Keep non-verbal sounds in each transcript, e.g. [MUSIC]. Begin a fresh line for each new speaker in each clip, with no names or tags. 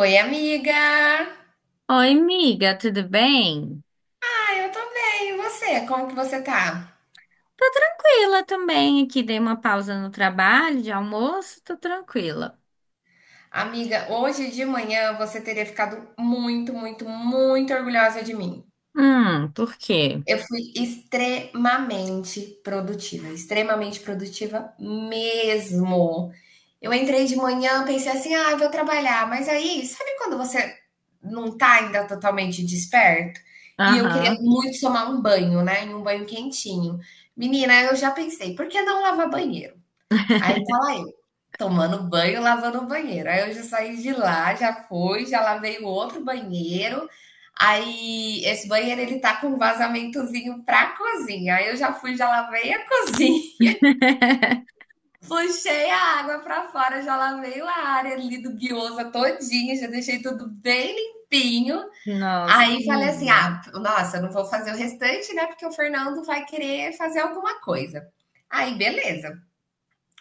Oi, amiga!
Oi, amiga, tudo bem?
Ah, eu tô bem, e você? Como que você tá?
Tô tranquila também aqui, dei uma pausa no trabalho de almoço, tô tranquila.
Amiga, hoje de manhã você teria ficado muito, muito, muito orgulhosa de mim.
Por quê?
Eu fui extremamente produtiva mesmo. Eu entrei de manhã, pensei assim, ah, eu vou trabalhar, mas aí, sabe quando você não tá ainda totalmente desperto? E eu queria
Aham.
muito tomar um banho, né? E um banho quentinho. Menina, eu já pensei, por que não lavar banheiro? Aí tá lá tomando banho, lavando o banheiro. Aí eu já saí de lá, já fui, já lavei o outro banheiro. Aí esse banheiro ele tá com um vazamentozinho pra cozinha. Aí eu já fui, já lavei a cozinha.
[LAUGHS]
[LAUGHS] Puxei a água pra fora, já lavei a área ali do guiosa todinha, já deixei tudo bem limpinho.
Nossa,
Aí falei assim:
amiga.
"Ah, nossa, eu não vou fazer o restante, né? Porque o Fernando vai querer fazer alguma coisa". Aí beleza.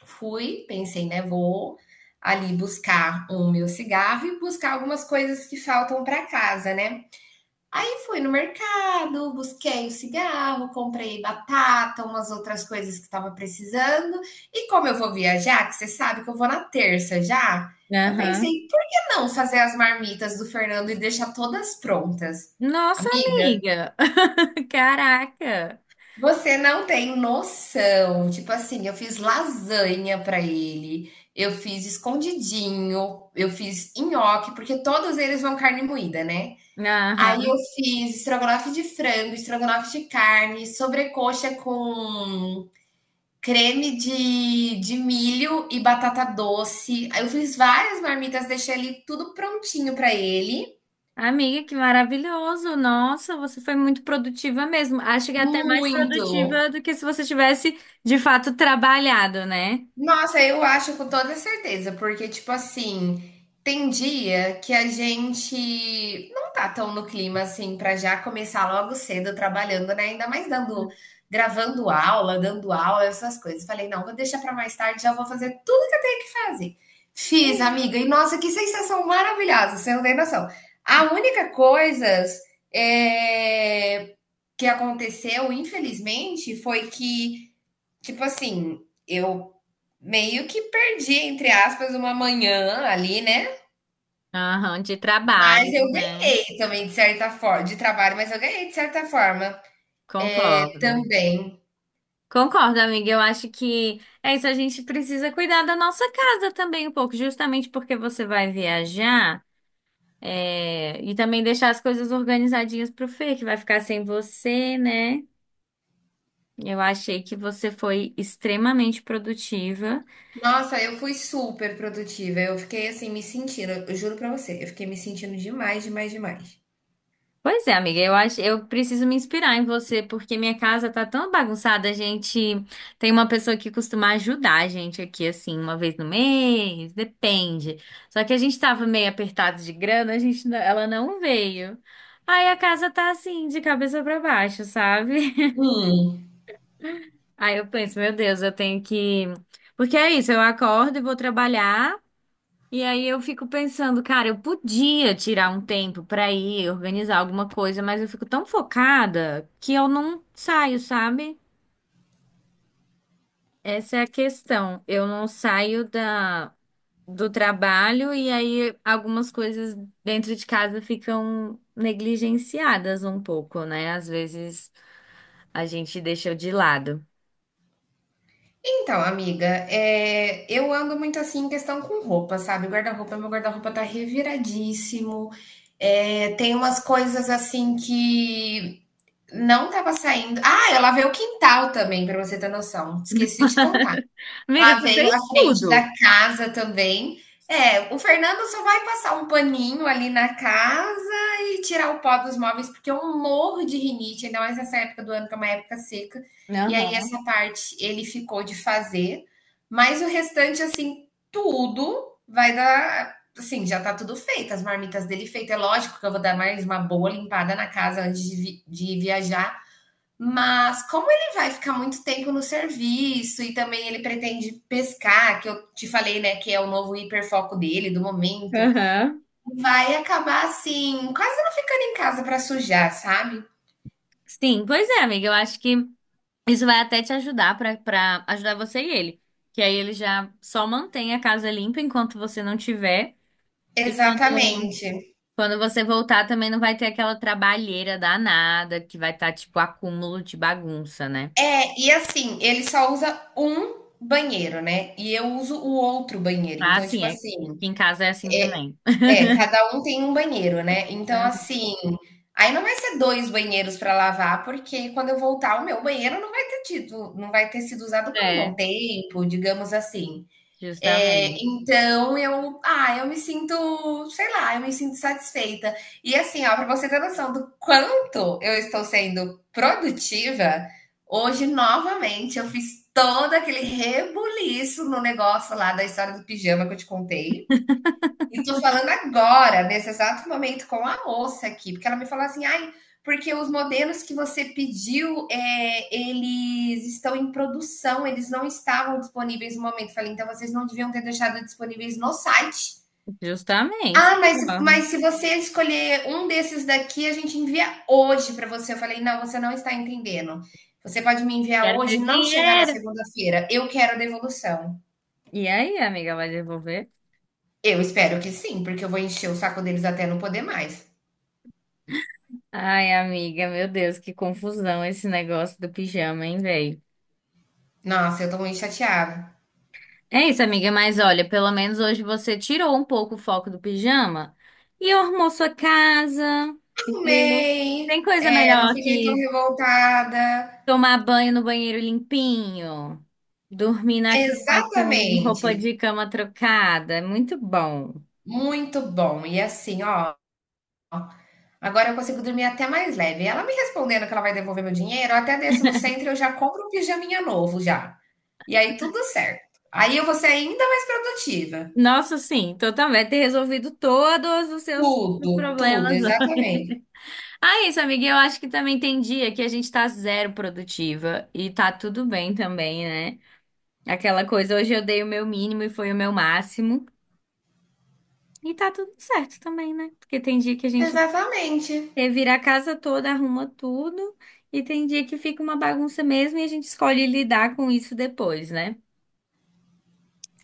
Fui, pensei, né, vou ali buscar o meu cigarro e buscar algumas coisas que faltam para casa, né? Aí fui no mercado, busquei o cigarro, comprei batata, umas outras coisas que estava precisando. E como eu vou viajar, que você sabe que eu vou na terça já, eu pensei,
Aham.
por que não fazer as marmitas do Fernando e deixar todas prontas?
Nossa,
Amiga,
amiga. [LAUGHS] Caraca.
você não tem noção. Tipo assim, eu fiz lasanha pra ele, eu fiz escondidinho, eu fiz nhoque, porque todos eles vão carne moída, né. Aí eu
Aham.
fiz estrogonofe de frango, estrogonofe de carne, sobrecoxa com creme de milho e batata doce. Aí eu fiz várias marmitas, deixei ali tudo prontinho pra ele.
Amiga, que maravilhoso. Nossa, você foi muito produtiva mesmo. Acho que é até mais
Muito.
produtiva do que se você tivesse de fato trabalhado, né?
Nossa, eu acho com toda certeza, porque, tipo assim, tem dia que a gente não tá tão no clima assim pra já começar logo cedo trabalhando, né? Ainda mais dando, gravando aula, dando aula, essas coisas. Falei, não, vou deixar pra mais tarde, já vou fazer tudo que eu tenho que fazer. Fiz, amiga, e nossa, que sensação maravilhosa, você não tem noção. A única coisa é, que aconteceu, infelizmente, foi que, tipo assim, eu meio que perdi, entre aspas, uma manhã ali, né,
Aham, de
mas
trabalho,
eu
né?
ganhei também de certa forma de trabalho, mas eu ganhei de certa forma
Concordo.
também.
Concordo, amiga. Eu acho que é isso. A gente precisa cuidar da nossa casa também um pouco, justamente porque você vai viajar, é, e também deixar as coisas organizadinhas pro Fê, que vai ficar sem você, né? Eu achei que você foi extremamente produtiva.
Nossa, eu fui super produtiva, eu fiquei, assim, me sentindo, eu juro pra você, eu fiquei me sentindo demais, demais, demais.
Pois é, amiga, eu acho, eu preciso me inspirar em você, porque minha casa tá tão bagunçada, a gente tem uma pessoa que costuma ajudar a gente aqui, assim, uma vez no mês, depende. Só que a gente tava meio apertado de grana, a gente, ela não veio. Aí a casa tá assim, de cabeça pra baixo, sabe?
Hum.
[LAUGHS] Aí eu penso, meu Deus, eu tenho que. Porque é isso, eu acordo e vou trabalhar. E aí eu fico pensando, cara, eu podia tirar um tempo pra ir organizar alguma coisa, mas eu fico tão focada que eu não saio, sabe? Essa é a questão. Eu não saio da do trabalho e aí algumas coisas dentro de casa ficam negligenciadas um pouco, né? Às vezes a gente deixa de lado.
Então, amiga, eu ando muito, assim, em questão com roupa, sabe, guarda-roupa meu guarda-roupa tá reviradíssimo, tem umas coisas, assim, que não estava saindo. Ah, eu lavei o quintal também, para você ter noção, esqueci de contar.
Amiga, você
Lavei a
fez
frente
tudo.
da casa também. É, o Fernando só vai passar um paninho ali na casa e tirar o pó dos móveis, porque eu morro de rinite, ainda mais nessa época do ano, que é uma época seca. E aí
Aham.
essa parte ele ficou de fazer, mas o restante, assim, tudo vai dar assim, já tá tudo feito, as marmitas dele feita. É lógico que eu vou dar mais uma boa limpada na casa antes de vi de viajar, mas como ele vai ficar muito tempo no serviço e também ele pretende pescar, que eu te falei, né, que é o novo hiperfoco dele do momento,
Aham.
vai acabar assim, quase não ficando em casa para sujar, sabe?
Sim, pois é, amiga. Eu acho que isso vai até te ajudar pra para ajudar você e ele. Que aí ele já só mantém a casa limpa enquanto você não tiver. E quando,
Exatamente.
quando você voltar também não vai ter aquela trabalheira danada que vai estar tipo acúmulo de bagunça, né?
É, e assim, ele só usa um banheiro, né? E eu uso o outro banheiro.
Ah,
Então, tipo
sim, é. Aqui
assim,
em casa é assim também.
é, cada um tem um banheiro, né. Então,
[LAUGHS]
assim, aí não vai ser 2 banheiros para lavar, porque quando eu voltar o meu banheiro não vai ter sido usado por um bom
É,
tempo, digamos assim.
justamente.
Então eu me sinto, sei lá, eu me sinto satisfeita. E assim, ó, para você ter noção do quanto eu estou sendo produtiva, hoje novamente eu fiz todo aquele rebuliço no negócio lá da história do pijama que eu te contei. E tô falando agora, nesse exato momento, com a moça aqui, porque ela me falou assim, ai, porque os modelos que você pediu, é, eles estão em produção, eles não estavam disponíveis no momento. Falei, então vocês não deviam ter deixado disponíveis no site.
Justamente.
Ah,
concordo.
mas se você escolher um desses daqui, a gente envia hoje para você. Eu falei, não, você não está entendendo. Você pode me enviar
Quero meu
hoje e não chegar na
dinheiro.
segunda-feira. Eu quero a devolução.
E aí, amiga, vai devolver?
Eu espero que sim, porque eu vou encher o saco deles até não poder mais.
Ai, amiga, meu Deus, que confusão esse negócio do pijama, hein, velho?
Nossa, eu tô muito chateada.
É isso, amiga, mas olha, pelo menos hoje você tirou um pouco o foco do pijama e arrumou sua casa, entendeu?
Arrumei,
Tem coisa
não
melhor
fiquei tão
que
revoltada.
tomar banho no banheiro limpinho, dormir na cama com
Exatamente,
roupa de cama trocada, é muito bom.
muito bom. E assim, ó, agora eu consigo dormir até mais leve. Ela me respondendo que ela vai devolver meu dinheiro, eu até desço no Centro e eu já compro um pijaminha novo já. E aí tudo certo. Aí eu vou ser ainda mais produtiva.
Nossa, sim, então também ter resolvido todos os seus
Tudo, tudo,
problemas. [LAUGHS]
exatamente.
Ah, isso, amiga, eu acho que também tem dia que a gente tá zero produtiva e tá tudo bem também, né? Aquela coisa, hoje eu dei o meu mínimo e foi o meu máximo. E tá tudo certo também, né? Porque tem dia que a gente
Exatamente.
revira a casa toda, arruma tudo, e tem dia que fica uma bagunça mesmo e a gente escolhe lidar com isso depois, né?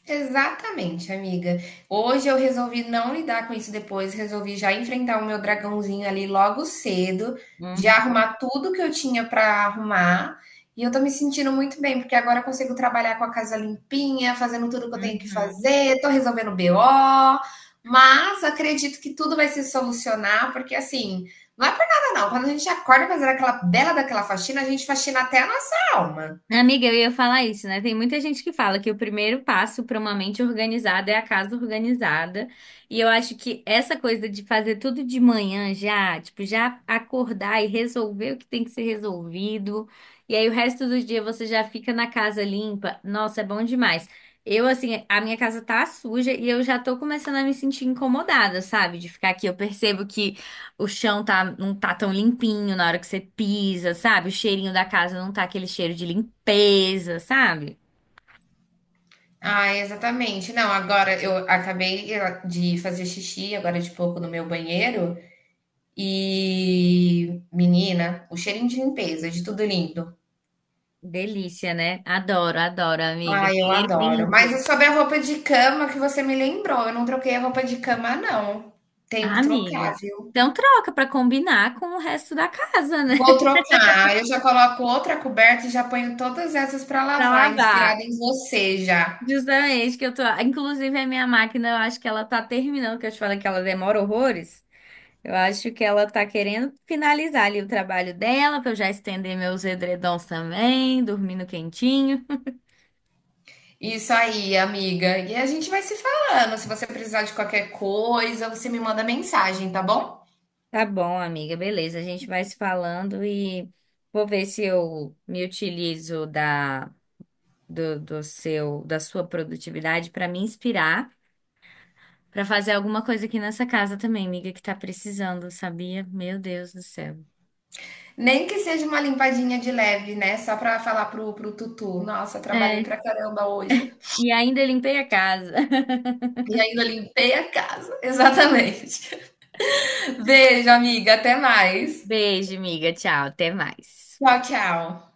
Exatamente, amiga. Hoje eu resolvi não lidar com isso depois, resolvi já enfrentar o meu dragãozinho ali logo cedo, já
Uhum,
arrumar tudo que eu tinha para arrumar. E eu tô me sentindo muito bem, porque agora eu consigo trabalhar com a casa limpinha, fazendo tudo que eu tenho que
uhum.
fazer, tô resolvendo BO, mas acredito que tudo vai se solucionar, porque assim, não é por nada não. Quando a gente acorda fazendo aquela bela daquela faxina, a gente faxina até a nossa alma.
Amiga, eu ia falar isso, né? Tem muita gente que fala que o primeiro passo para uma mente organizada é a casa organizada. E eu acho que essa coisa de fazer tudo de manhã já, tipo, já acordar e resolver o que tem que ser resolvido. E aí o resto do dia você já fica na casa limpa. Nossa, é bom demais. Eu, assim, a minha casa tá suja e eu já tô começando a me sentir incomodada, sabe? De ficar aqui. Eu percebo que. O chão tá, não tá tão limpinho na hora que você pisa, sabe? O cheirinho da casa não tá aquele cheiro de limpeza, sabe?
Ah, exatamente. Não, agora eu acabei, de fazer xixi agora de pouco no meu banheiro e, menina, o cheirinho de limpeza, de tudo lindo.
Delícia, né? Adoro, adoro, amiga.
Ah, eu
Banheiro
adoro. Mas é
limpo.
sobre a roupa de cama que você me lembrou. Eu não troquei a roupa de cama, não. Tenho
Ah,
que trocar,
amiga.
viu?
Então troca pra combinar com o resto da casa, né?
Vou
[LAUGHS]
trocar. Eu já coloco outra coberta e já ponho todas essas para
Pra
lavar,
lavar.
inspirada em você já.
Justamente que eu tô. Inclusive, a minha máquina, eu acho que ela tá terminando, que eu te falei que ela demora horrores. Eu acho que ela tá querendo finalizar ali o trabalho dela, pra eu já estender meus edredons também, dormindo quentinho.
Isso aí, amiga. E a gente vai se falando. Se você precisar de qualquer coisa, você me manda mensagem, tá bom?
Tá bom, amiga, beleza. A gente vai se falando e vou ver se eu me utilizo da do, do seu da sua produtividade para me inspirar para fazer alguma coisa aqui nessa casa também, amiga, que tá precisando, sabia? Meu Deus do céu.
Nem que seja uma limpadinha de leve, né? Só pra falar pro Tutu. Nossa, trabalhei
É,
pra caramba hoje
e ainda limpei a casa. [LAUGHS]
e ainda limpei a casa. [LAUGHS] Exatamente. Beijo, amiga. Até mais.
Beijo, amiga. Tchau, até mais.
Tchau, tchau.